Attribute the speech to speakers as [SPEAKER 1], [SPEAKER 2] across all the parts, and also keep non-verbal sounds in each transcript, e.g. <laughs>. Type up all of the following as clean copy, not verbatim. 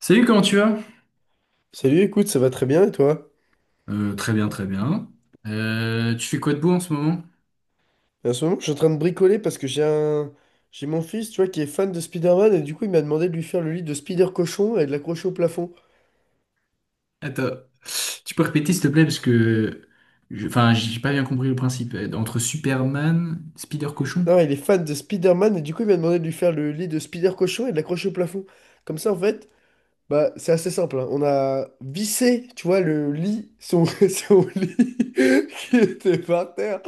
[SPEAKER 1] Salut, comment tu vas?
[SPEAKER 2] Salut, écoute, ça va très bien et toi?
[SPEAKER 1] Très bien, très bien. Tu fais quoi de beau en ce moment?
[SPEAKER 2] En ce moment, je suis en train de bricoler parce que j'ai mon fils, tu vois, qui est fan de Spider-Man et du coup, il m'a demandé de lui faire le lit de Spider-Cochon et de l'accrocher au plafond.
[SPEAKER 1] Attends, tu peux répéter s'il te plaît parce que, enfin, j'ai pas bien compris le principe. Entre Superman, Spider-Cochon?
[SPEAKER 2] Non, il est fan de Spider-Man et du coup, il m'a demandé de lui faire le lit de Spider-Cochon et de l'accrocher au plafond. Comme ça, en fait, bah, c'est assez simple, hein. On a vissé, tu vois, le lit, son, <laughs> son lit <laughs> qui était par terre.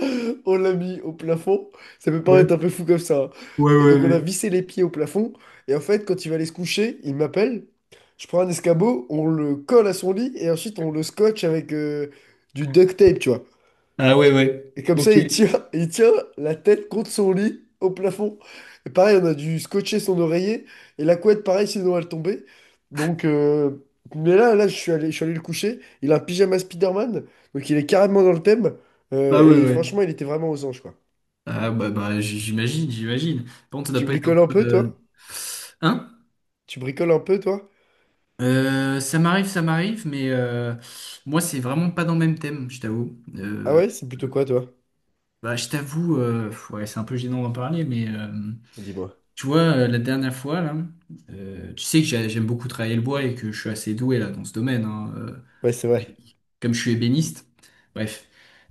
[SPEAKER 2] On l'a mis au plafond. Ça peut paraître
[SPEAKER 1] Ouais,
[SPEAKER 2] un peu fou comme ça, hein.
[SPEAKER 1] ouais,
[SPEAKER 2] Et
[SPEAKER 1] ouais,
[SPEAKER 2] donc, on a
[SPEAKER 1] ouais.
[SPEAKER 2] vissé les pieds au plafond. Et en fait, quand il va aller se coucher, il m'appelle. Je prends un escabeau, on le colle à son lit et ensuite on le scotche avec du duct tape, tu vois.
[SPEAKER 1] Ah ouais, ouais.
[SPEAKER 2] Et comme
[SPEAKER 1] Ok.
[SPEAKER 2] ça, il tient, <laughs> il tient la tête contre son lit au plafond. Et pareil, on a dû scotcher son oreiller. Et la couette, pareil, sinon elle tombait. Donc, mais là, je suis allé le coucher. Il a un pyjama Spider-Man. Donc, il est carrément dans le thème.
[SPEAKER 1] Ah
[SPEAKER 2] Euh,
[SPEAKER 1] ouais,
[SPEAKER 2] et
[SPEAKER 1] ouais.
[SPEAKER 2] franchement, il était vraiment aux anges, quoi.
[SPEAKER 1] Ah bah, bah j'imagine, j'imagine. Par contre, ça doit
[SPEAKER 2] Tu
[SPEAKER 1] pas être un
[SPEAKER 2] bricoles un
[SPEAKER 1] peu...
[SPEAKER 2] peu, toi?
[SPEAKER 1] Hein?
[SPEAKER 2] Tu bricoles un peu, toi?
[SPEAKER 1] Ça m'arrive, ça m'arrive, mais moi, c'est vraiment pas dans le même thème, je t'avoue.
[SPEAKER 2] Ah ouais, c'est plutôt quoi, toi?
[SPEAKER 1] Bah, je t'avoue, ouais, c'est un peu gênant d'en parler, mais...
[SPEAKER 2] Dis-moi.
[SPEAKER 1] Tu vois, la dernière fois, là, tu sais que j'aime beaucoup travailler le bois et que je suis assez doué là dans ce domaine, hein,
[SPEAKER 2] Ouais, c'est
[SPEAKER 1] mais
[SPEAKER 2] vrai.
[SPEAKER 1] comme je suis ébéniste. Bref.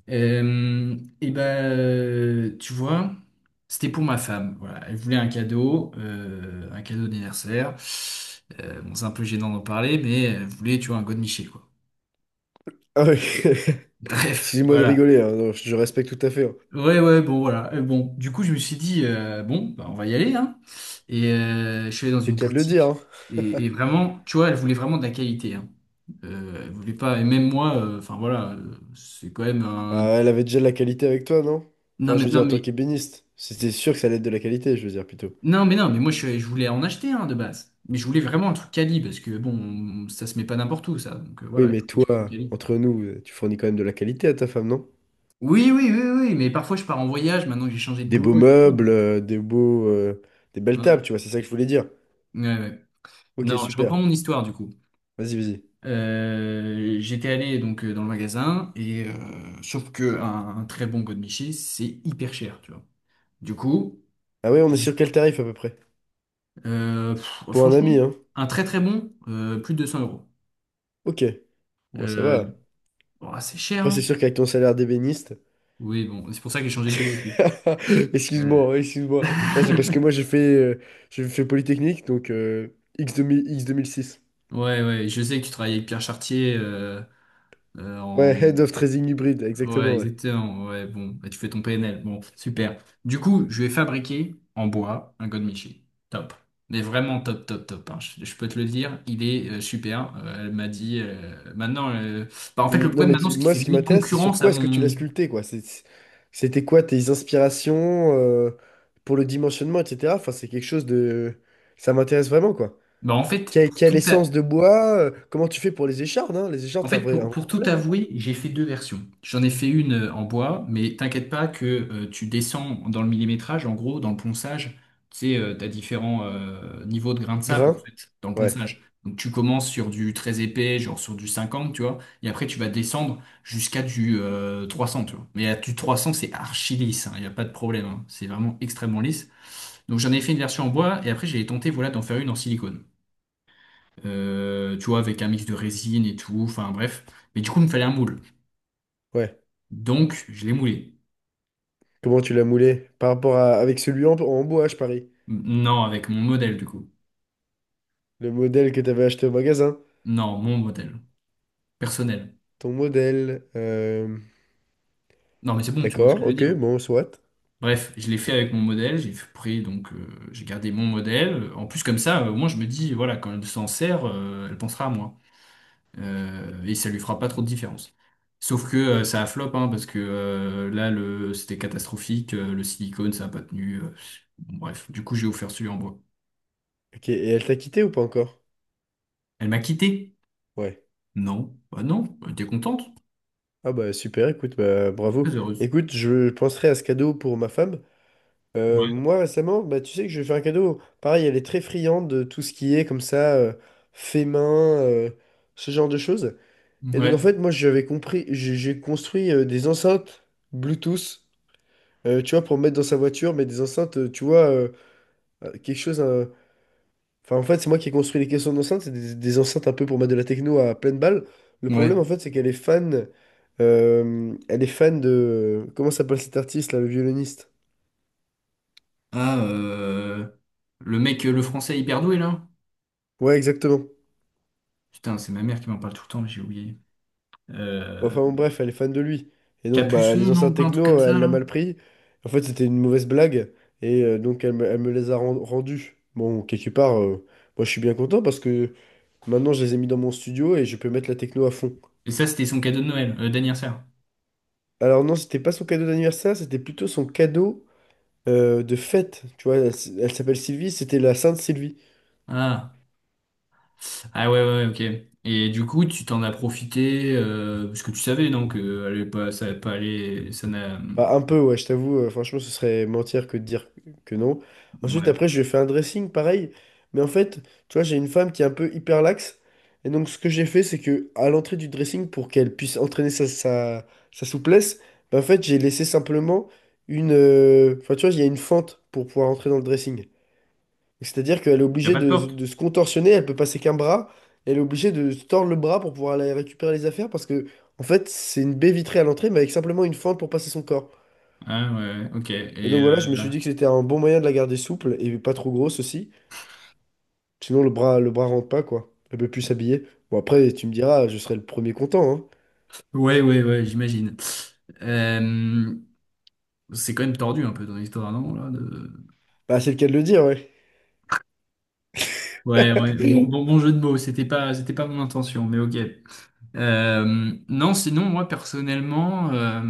[SPEAKER 1] Et ben, tu vois, c'était pour ma femme. Voilà, elle voulait un cadeau d'anniversaire. Bon, c'est un peu gênant d'en parler, mais elle voulait, tu vois, un godemiché, quoi.
[SPEAKER 2] Ah ouais. <laughs>
[SPEAKER 1] <laughs> Bref,
[SPEAKER 2] Excusez-moi de
[SPEAKER 1] voilà.
[SPEAKER 2] rigoler, hein. Non, je respecte tout à fait, hein.
[SPEAKER 1] Ouais, ouais, bon, voilà. Bon, du coup, je me suis dit, bon, bah, on va y aller, hein. Et je suis allé dans
[SPEAKER 2] J'ai
[SPEAKER 1] une
[SPEAKER 2] qu'à le dire,
[SPEAKER 1] boutique.
[SPEAKER 2] hein.
[SPEAKER 1] Et
[SPEAKER 2] <laughs>
[SPEAKER 1] vraiment, tu vois, elle voulait vraiment de la qualité, hein. Elle voulait pas, et même moi, enfin voilà, c'est quand même un.
[SPEAKER 2] Bah, elle avait déjà de la qualité avec toi, non?
[SPEAKER 1] Non,
[SPEAKER 2] Enfin, je
[SPEAKER 1] mais
[SPEAKER 2] veux
[SPEAKER 1] non,
[SPEAKER 2] dire, en tant
[SPEAKER 1] mais
[SPEAKER 2] qu'ébéniste, c'était sûr que ça allait être de la qualité, je veux dire plutôt.
[SPEAKER 1] non, mais non, mais moi, je voulais en acheter, hein, de base. Mais je voulais vraiment un truc quali, parce que bon, ça se met pas n'importe où, ça. Donc
[SPEAKER 2] Oui,
[SPEAKER 1] voilà, il
[SPEAKER 2] mais
[SPEAKER 1] faut que je fasse du
[SPEAKER 2] toi,
[SPEAKER 1] quali.
[SPEAKER 2] entre nous, tu fournis quand même de la qualité à ta femme, non?
[SPEAKER 1] Oui, oui, oui, oui, mais parfois je pars en voyage maintenant que j'ai changé de
[SPEAKER 2] Des beaux
[SPEAKER 1] boulot et tout. Donc,
[SPEAKER 2] meubles, des belles tables,
[SPEAKER 1] ouais.
[SPEAKER 2] tu vois, c'est ça que je voulais dire.
[SPEAKER 1] Ouais, ouais.
[SPEAKER 2] Ok,
[SPEAKER 1] Non, je reprends
[SPEAKER 2] super.
[SPEAKER 1] mon histoire du coup.
[SPEAKER 2] Vas-y, vas-y.
[SPEAKER 1] J'étais allé donc dans le magasin et sauf que un très bon godemiché c'est hyper cher, tu vois. Du coup,
[SPEAKER 2] Ah ouais, on
[SPEAKER 1] je
[SPEAKER 2] est
[SPEAKER 1] me
[SPEAKER 2] sur
[SPEAKER 1] suis-
[SPEAKER 2] quel tarif à peu près?
[SPEAKER 1] pff,
[SPEAKER 2] Pour un
[SPEAKER 1] franchement,
[SPEAKER 2] ami, hein?
[SPEAKER 1] un très très bon, plus de 200 euros.
[SPEAKER 2] Ok. Bon, ça
[SPEAKER 1] Euh,
[SPEAKER 2] va.
[SPEAKER 1] oh, c'est cher,
[SPEAKER 2] Après, c'est
[SPEAKER 1] hein.
[SPEAKER 2] sûr qu'avec ton salaire d'ébéniste.
[SPEAKER 1] Oui, bon, c'est pour ça que j'ai changé de boulot aussi.
[SPEAKER 2] <laughs>
[SPEAKER 1] Euh,
[SPEAKER 2] Excuse-moi, hein, excuse-moi. Non, c'est parce que moi,
[SPEAKER 1] <laughs>
[SPEAKER 2] j'ai fait Polytechnique, donc X2000, X2006.
[SPEAKER 1] Ouais, ouais, je sais que tu travailles avec Pierre Chartier en,
[SPEAKER 2] Ouais, Head of Trading Hybrid,
[SPEAKER 1] Ouais,
[SPEAKER 2] exactement, ouais.
[SPEAKER 1] exactement. Ouais, bon, bah, tu fais ton PNL. Bon, super. Du coup, je vais fabriquer en bois un godmichi. Top. Mais vraiment top, top, top, hein. Je peux te le dire, il est super. Elle m'a dit maintenant. Bah, en fait, le
[SPEAKER 2] Non,
[SPEAKER 1] problème maintenant, c'est qu'il
[SPEAKER 2] moi,
[SPEAKER 1] fait
[SPEAKER 2] ce qui
[SPEAKER 1] limite
[SPEAKER 2] m'intéresse, c'est sur
[SPEAKER 1] concurrence
[SPEAKER 2] quoi
[SPEAKER 1] à
[SPEAKER 2] est-ce que tu l'as
[SPEAKER 1] mon.
[SPEAKER 2] sculpté, quoi. C'était quoi tes inspirations, pour le dimensionnement, etc. Enfin, c'est quelque chose de... Ça m'intéresse vraiment, quoi.
[SPEAKER 1] Bah, en fait,
[SPEAKER 2] Quelle,
[SPEAKER 1] pour
[SPEAKER 2] quelle
[SPEAKER 1] tout,
[SPEAKER 2] essence de bois? Comment tu fais pour les échardes, hein? Les échardes,
[SPEAKER 1] En
[SPEAKER 2] c'est
[SPEAKER 1] fait,
[SPEAKER 2] un
[SPEAKER 1] pour,
[SPEAKER 2] vrai
[SPEAKER 1] pour tout
[SPEAKER 2] problème, hein.
[SPEAKER 1] avouer, j'ai fait deux versions. J'en ai fait une en bois, mais t'inquiète pas que tu descends dans le millimétrage, en gros, dans le ponçage, tu sais, t'as différents niveaux de grains de sable,
[SPEAKER 2] Grain?
[SPEAKER 1] en fait, dans le
[SPEAKER 2] Ouais,
[SPEAKER 1] ponçage. Donc tu commences sur du très épais, genre sur du 50, tu vois, et après tu vas descendre jusqu'à du 300, tu vois. Mais à du 300, c'est archi lisse, il n'y a pas de problème, hein. C'est vraiment extrêmement lisse. Donc j'en ai fait une version en bois, et après j'ai tenté, voilà, d'en faire une en silicone, tu vois, avec un mix de résine et tout, enfin bref. Mais du coup, il me fallait un moule.
[SPEAKER 2] ouais.
[SPEAKER 1] Donc, je l'ai moulé.
[SPEAKER 2] Comment tu l'as moulé? Par rapport à... avec celui en bois, je parie.
[SPEAKER 1] Non, avec mon modèle, du coup.
[SPEAKER 2] Le modèle que tu avais acheté au magasin.
[SPEAKER 1] Non, mon modèle. Personnel.
[SPEAKER 2] Ton modèle...
[SPEAKER 1] Non, mais c'est bon, tu vois ce que
[SPEAKER 2] D'accord,
[SPEAKER 1] je veux
[SPEAKER 2] ok,
[SPEAKER 1] dire.
[SPEAKER 2] bon, soit.
[SPEAKER 1] Bref, je l'ai fait avec mon modèle, j'ai pris, donc j'ai gardé mon modèle. En plus, comme ça, au moins, je me dis, voilà, quand elle s'en sert, elle pensera à moi. Et ça lui fera pas trop de différence. Sauf que ça a flop, hein, parce que là, c'était catastrophique, le silicone, ça a pas tenu. Bon, bref, du coup, j'ai offert celui en bois.
[SPEAKER 2] Ok, et elle t'a quitté ou pas encore?
[SPEAKER 1] Elle m'a quitté?
[SPEAKER 2] Ouais.
[SPEAKER 1] Non. Bah non, elle était contente,
[SPEAKER 2] Ah bah super, écoute, bah bravo.
[SPEAKER 1] très heureuse.
[SPEAKER 2] Écoute, je penserai à ce cadeau pour ma femme. Euh,
[SPEAKER 1] Ouais.
[SPEAKER 2] moi récemment, bah tu sais que je lui ai fait un cadeau. Pareil, elle est très friande de tout ce qui est comme ça, fait main, ce genre de choses. Et donc en
[SPEAKER 1] Ouais.
[SPEAKER 2] fait, moi j'avais compris, j'ai construit des enceintes Bluetooth, tu vois, pour mettre dans sa voiture, mais des enceintes, tu vois, quelque chose, enfin, en fait, c'est moi qui ai construit les caissons d'enceinte. C'est des enceintes un peu pour mettre de la techno à pleine balle. Le
[SPEAKER 1] Ouais.
[SPEAKER 2] problème, en fait, c'est qu'elle est fan. Elle est fan de. Comment s'appelle cet artiste, là, le violoniste?
[SPEAKER 1] Ah, le mec, le français hyper doué là?
[SPEAKER 2] Ouais, exactement.
[SPEAKER 1] Putain, c'est ma mère qui m'en parle tout le temps, j'ai oublié.
[SPEAKER 2] Bon,
[SPEAKER 1] Euh,
[SPEAKER 2] enfin, bon, bref, elle est fan de lui. Et donc, bah,
[SPEAKER 1] Capuçon,
[SPEAKER 2] les
[SPEAKER 1] non,
[SPEAKER 2] enceintes
[SPEAKER 1] pas un truc comme
[SPEAKER 2] techno,
[SPEAKER 1] ça
[SPEAKER 2] elle l'a
[SPEAKER 1] là?
[SPEAKER 2] mal pris. En fait, c'était une mauvaise blague. Et donc, elle me les a rendues. Bon, quelque part, moi, je suis bien content parce que maintenant, je les ai mis dans mon studio et je peux mettre la techno à fond.
[SPEAKER 1] Et ça, c'était son cadeau de Noël, d'anniversaire.
[SPEAKER 2] Alors, non, c'était pas son cadeau d'anniversaire, c'était plutôt son cadeau, de fête, tu vois, elle s'appelle Sylvie, c'était la Sainte Sylvie.
[SPEAKER 1] Ah. Ah ouais, ouais, ouais, ok. Et du coup, tu t'en as profité, parce que tu savais, non, que allait pas, ça allait pas aller, ça n'a.
[SPEAKER 2] Bah, un peu, ouais, je t'avoue, franchement, ce serait mentir que de dire que non. Ensuite,
[SPEAKER 1] Ouais.
[SPEAKER 2] après, je lui ai fait un dressing, pareil, mais en fait, tu vois, j'ai une femme qui est un peu hyper laxe, et donc ce que j'ai fait, c'est que à l'entrée du dressing, pour qu'elle puisse entraîner sa souplesse, bah, en fait, j'ai laissé simplement une... Enfin, tu vois, il y a une fente pour pouvoir entrer dans le dressing. C'est-à-dire qu'elle est
[SPEAKER 1] Y a
[SPEAKER 2] obligée
[SPEAKER 1] pas de
[SPEAKER 2] de,
[SPEAKER 1] porte?
[SPEAKER 2] de se contorsionner, elle peut passer qu'un bras, elle est obligée de se tordre le bras pour pouvoir aller récupérer les affaires parce que, en fait, c'est une baie vitrée à l'entrée, mais avec simplement une fente pour passer son corps.
[SPEAKER 1] Ah ouais, ok.
[SPEAKER 2] Et donc voilà, je me suis dit que c'était un bon moyen de la garder souple et pas trop grosse aussi. Sinon, le bras rentre pas, quoi. Elle peut plus s'habiller. Bon, après, tu me diras, je serai le premier content, hein.
[SPEAKER 1] Ouais, ouais, ouais, j'imagine. Euh, c'est quand même tordu un peu ton histoire, non, là,
[SPEAKER 2] Bah, c'est le cas de le dire, ouais.
[SPEAKER 1] Ouais, ouais. Bon, bon,
[SPEAKER 2] <laughs>
[SPEAKER 1] bon jeu de mots, c'était pas mon intention, mais ok. Non, sinon, moi, personnellement,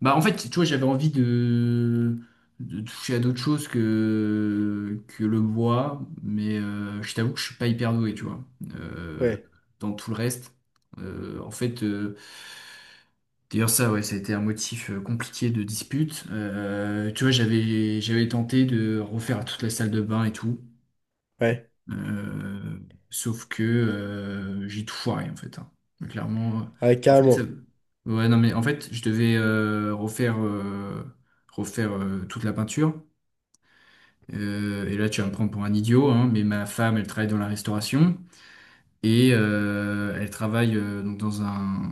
[SPEAKER 1] bah, en fait, tu vois, j'avais envie de toucher à d'autres choses que le bois, mais je t'avoue que je suis pas hyper doué, tu vois. Euh,
[SPEAKER 2] Ouais,
[SPEAKER 1] Dans tout le reste, en fait, d'ailleurs, ça, ouais, ça a été un motif compliqué de dispute. Tu vois, j'avais tenté de refaire toute la salle de bain et tout.
[SPEAKER 2] ouais.
[SPEAKER 1] Euh, Sauf que j'ai tout foiré en fait, hein. Clairement.
[SPEAKER 2] Ah ouais,
[SPEAKER 1] En fait,
[SPEAKER 2] carrément.
[SPEAKER 1] ouais, non, mais en fait, je devais refaire toute la peinture. Et là, tu vas me prendre pour un idiot, hein, mais ma femme, elle travaille dans la restauration et elle travaille donc dans un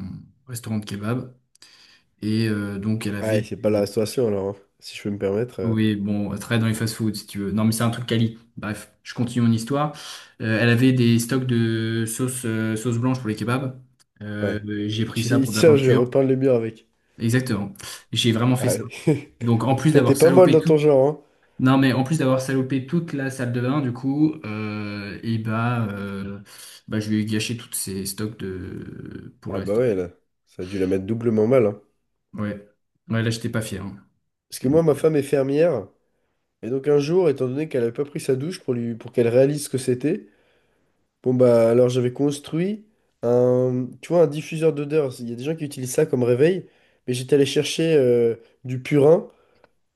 [SPEAKER 1] restaurant de kebab. Et donc, elle
[SPEAKER 2] Ah ouais,
[SPEAKER 1] avait.
[SPEAKER 2] c'est pas la restauration, alors, hein, si je peux me permettre.
[SPEAKER 1] Oui, bon, elle travaille dans les fast-foods, si tu veux. Non, mais c'est un truc quali. Bref, je continue mon histoire. Elle avait des stocks de sauce blanche pour les kebabs. Euh,
[SPEAKER 2] Ouais.
[SPEAKER 1] j'ai pris
[SPEAKER 2] Tu,
[SPEAKER 1] ça
[SPEAKER 2] sais, <laughs>
[SPEAKER 1] pour de la
[SPEAKER 2] tiens, je vais
[SPEAKER 1] peinture.
[SPEAKER 2] repeindre les murs avec.
[SPEAKER 1] Exactement. J'ai vraiment fait
[SPEAKER 2] Ah,
[SPEAKER 1] ça.
[SPEAKER 2] ouais.
[SPEAKER 1] Donc, en
[SPEAKER 2] <laughs>
[SPEAKER 1] plus
[SPEAKER 2] Toi, t'es
[SPEAKER 1] d'avoir
[SPEAKER 2] pas mal
[SPEAKER 1] salopé
[SPEAKER 2] dans
[SPEAKER 1] tout...
[SPEAKER 2] ton genre, hein?
[SPEAKER 1] Non, mais en plus d'avoir salopé toute la salle de bain, du coup, et bah, bah, je lui ai gâché tous ces stocks de... pour le
[SPEAKER 2] Ah bah
[SPEAKER 1] resto.
[SPEAKER 2] ouais, là, ça a dû la mettre doublement mal, hein.
[SPEAKER 1] Ouais. Ouais, là, j'étais pas fier, hein.
[SPEAKER 2] Parce que moi, ma femme est fermière, et donc un jour, étant donné qu'elle avait pas pris sa douche pour lui, pour qu'elle réalise ce que c'était, bon bah alors j'avais construit un, tu vois, un diffuseur d'odeur. Il y a des gens qui utilisent ça comme réveil, mais j'étais allé chercher du purin,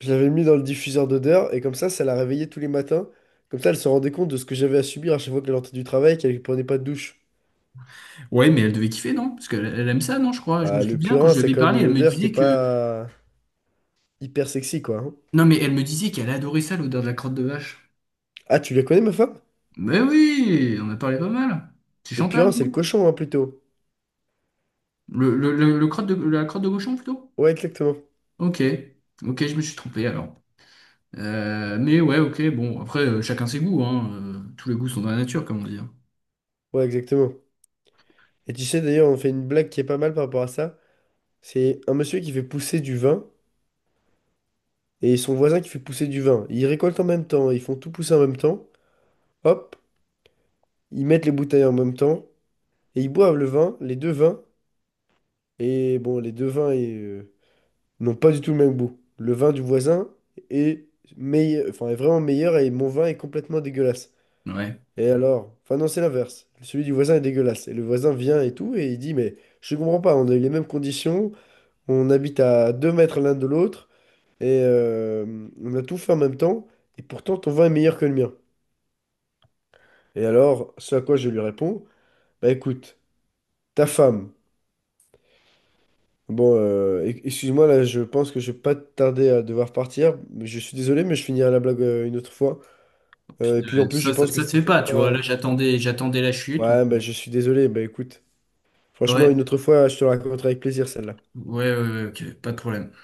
[SPEAKER 2] je l'avais mis dans le diffuseur d'odeur, et comme ça la réveillait tous les matins. Comme ça, elle se rendait compte de ce que j'avais à subir à chaque fois qu'elle rentrait du travail, qu'elle prenait pas de douche.
[SPEAKER 1] Ouais, mais elle devait kiffer, non? Parce qu'elle elle aime ça, non, je crois. Je me
[SPEAKER 2] Ah, le
[SPEAKER 1] souviens, quand
[SPEAKER 2] purin,
[SPEAKER 1] je lui
[SPEAKER 2] c'est
[SPEAKER 1] avais
[SPEAKER 2] quand même
[SPEAKER 1] parlé,
[SPEAKER 2] une
[SPEAKER 1] elle me
[SPEAKER 2] odeur qui est
[SPEAKER 1] disait que
[SPEAKER 2] pas hyper sexy, quoi, hein.
[SPEAKER 1] Non, mais elle me disait qu'elle adorait ça, l'odeur de la crotte de vache.
[SPEAKER 2] Ah, tu la connais, ma femme?
[SPEAKER 1] Mais oui, on a parlé pas mal. C'est
[SPEAKER 2] Le
[SPEAKER 1] Chantal,
[SPEAKER 2] purin, c'est le
[SPEAKER 1] non?
[SPEAKER 2] cochon, hein, plutôt.
[SPEAKER 1] La crotte de cochon, plutôt?
[SPEAKER 2] Ouais, exactement.
[SPEAKER 1] Ok, ok, je me suis trompé alors. Mais ouais, ok, bon, après, chacun ses goûts, hein. Tous les goûts sont dans la nature, comme on dit, hein.
[SPEAKER 2] Ouais, exactement. Et tu sais, d'ailleurs, on fait une blague qui est pas mal par rapport à ça. C'est un monsieur qui fait pousser du vin et son voisin qui fait pousser du vin. Ils récoltent en même temps, ils font tout pousser en même temps. Hop, ils mettent les bouteilles en même temps et ils boivent le vin, les deux vins. Et bon, les deux vins n'ont pas du tout le même goût. Le vin du voisin est meilleur, enfin, est vraiment meilleur et mon vin est complètement dégueulasse.
[SPEAKER 1] Ouais.
[SPEAKER 2] Et alors? Enfin non, c'est l'inverse. Celui du voisin est dégueulasse. Et le voisin vient et tout, et il dit, mais je comprends pas, on a eu les mêmes conditions, on habite à 2 mètres l'un de l'autre, et on a tout fait en même temps, et pourtant ton vin est meilleur que le mien. Et alors, ce à quoi je lui réponds, bah écoute, ta femme, bon, excuse-moi, là, je pense que je vais pas tarder à devoir partir, mais je suis désolé, mais je finirai la blague une autre fois. Et puis en plus, je
[SPEAKER 1] Ça, ça,
[SPEAKER 2] pense que
[SPEAKER 1] ça se
[SPEAKER 2] c'était
[SPEAKER 1] fait
[SPEAKER 2] peut-être
[SPEAKER 1] pas, tu vois.
[SPEAKER 2] pas...
[SPEAKER 1] Là, j'attendais la chute.
[SPEAKER 2] Ouais, bah je suis désolé, bah écoute, franchement,
[SPEAKER 1] Ouais,
[SPEAKER 2] une autre fois, je te la raconterai avec plaisir, celle-là.
[SPEAKER 1] ouais, ouais, ouais, ok, pas de problème.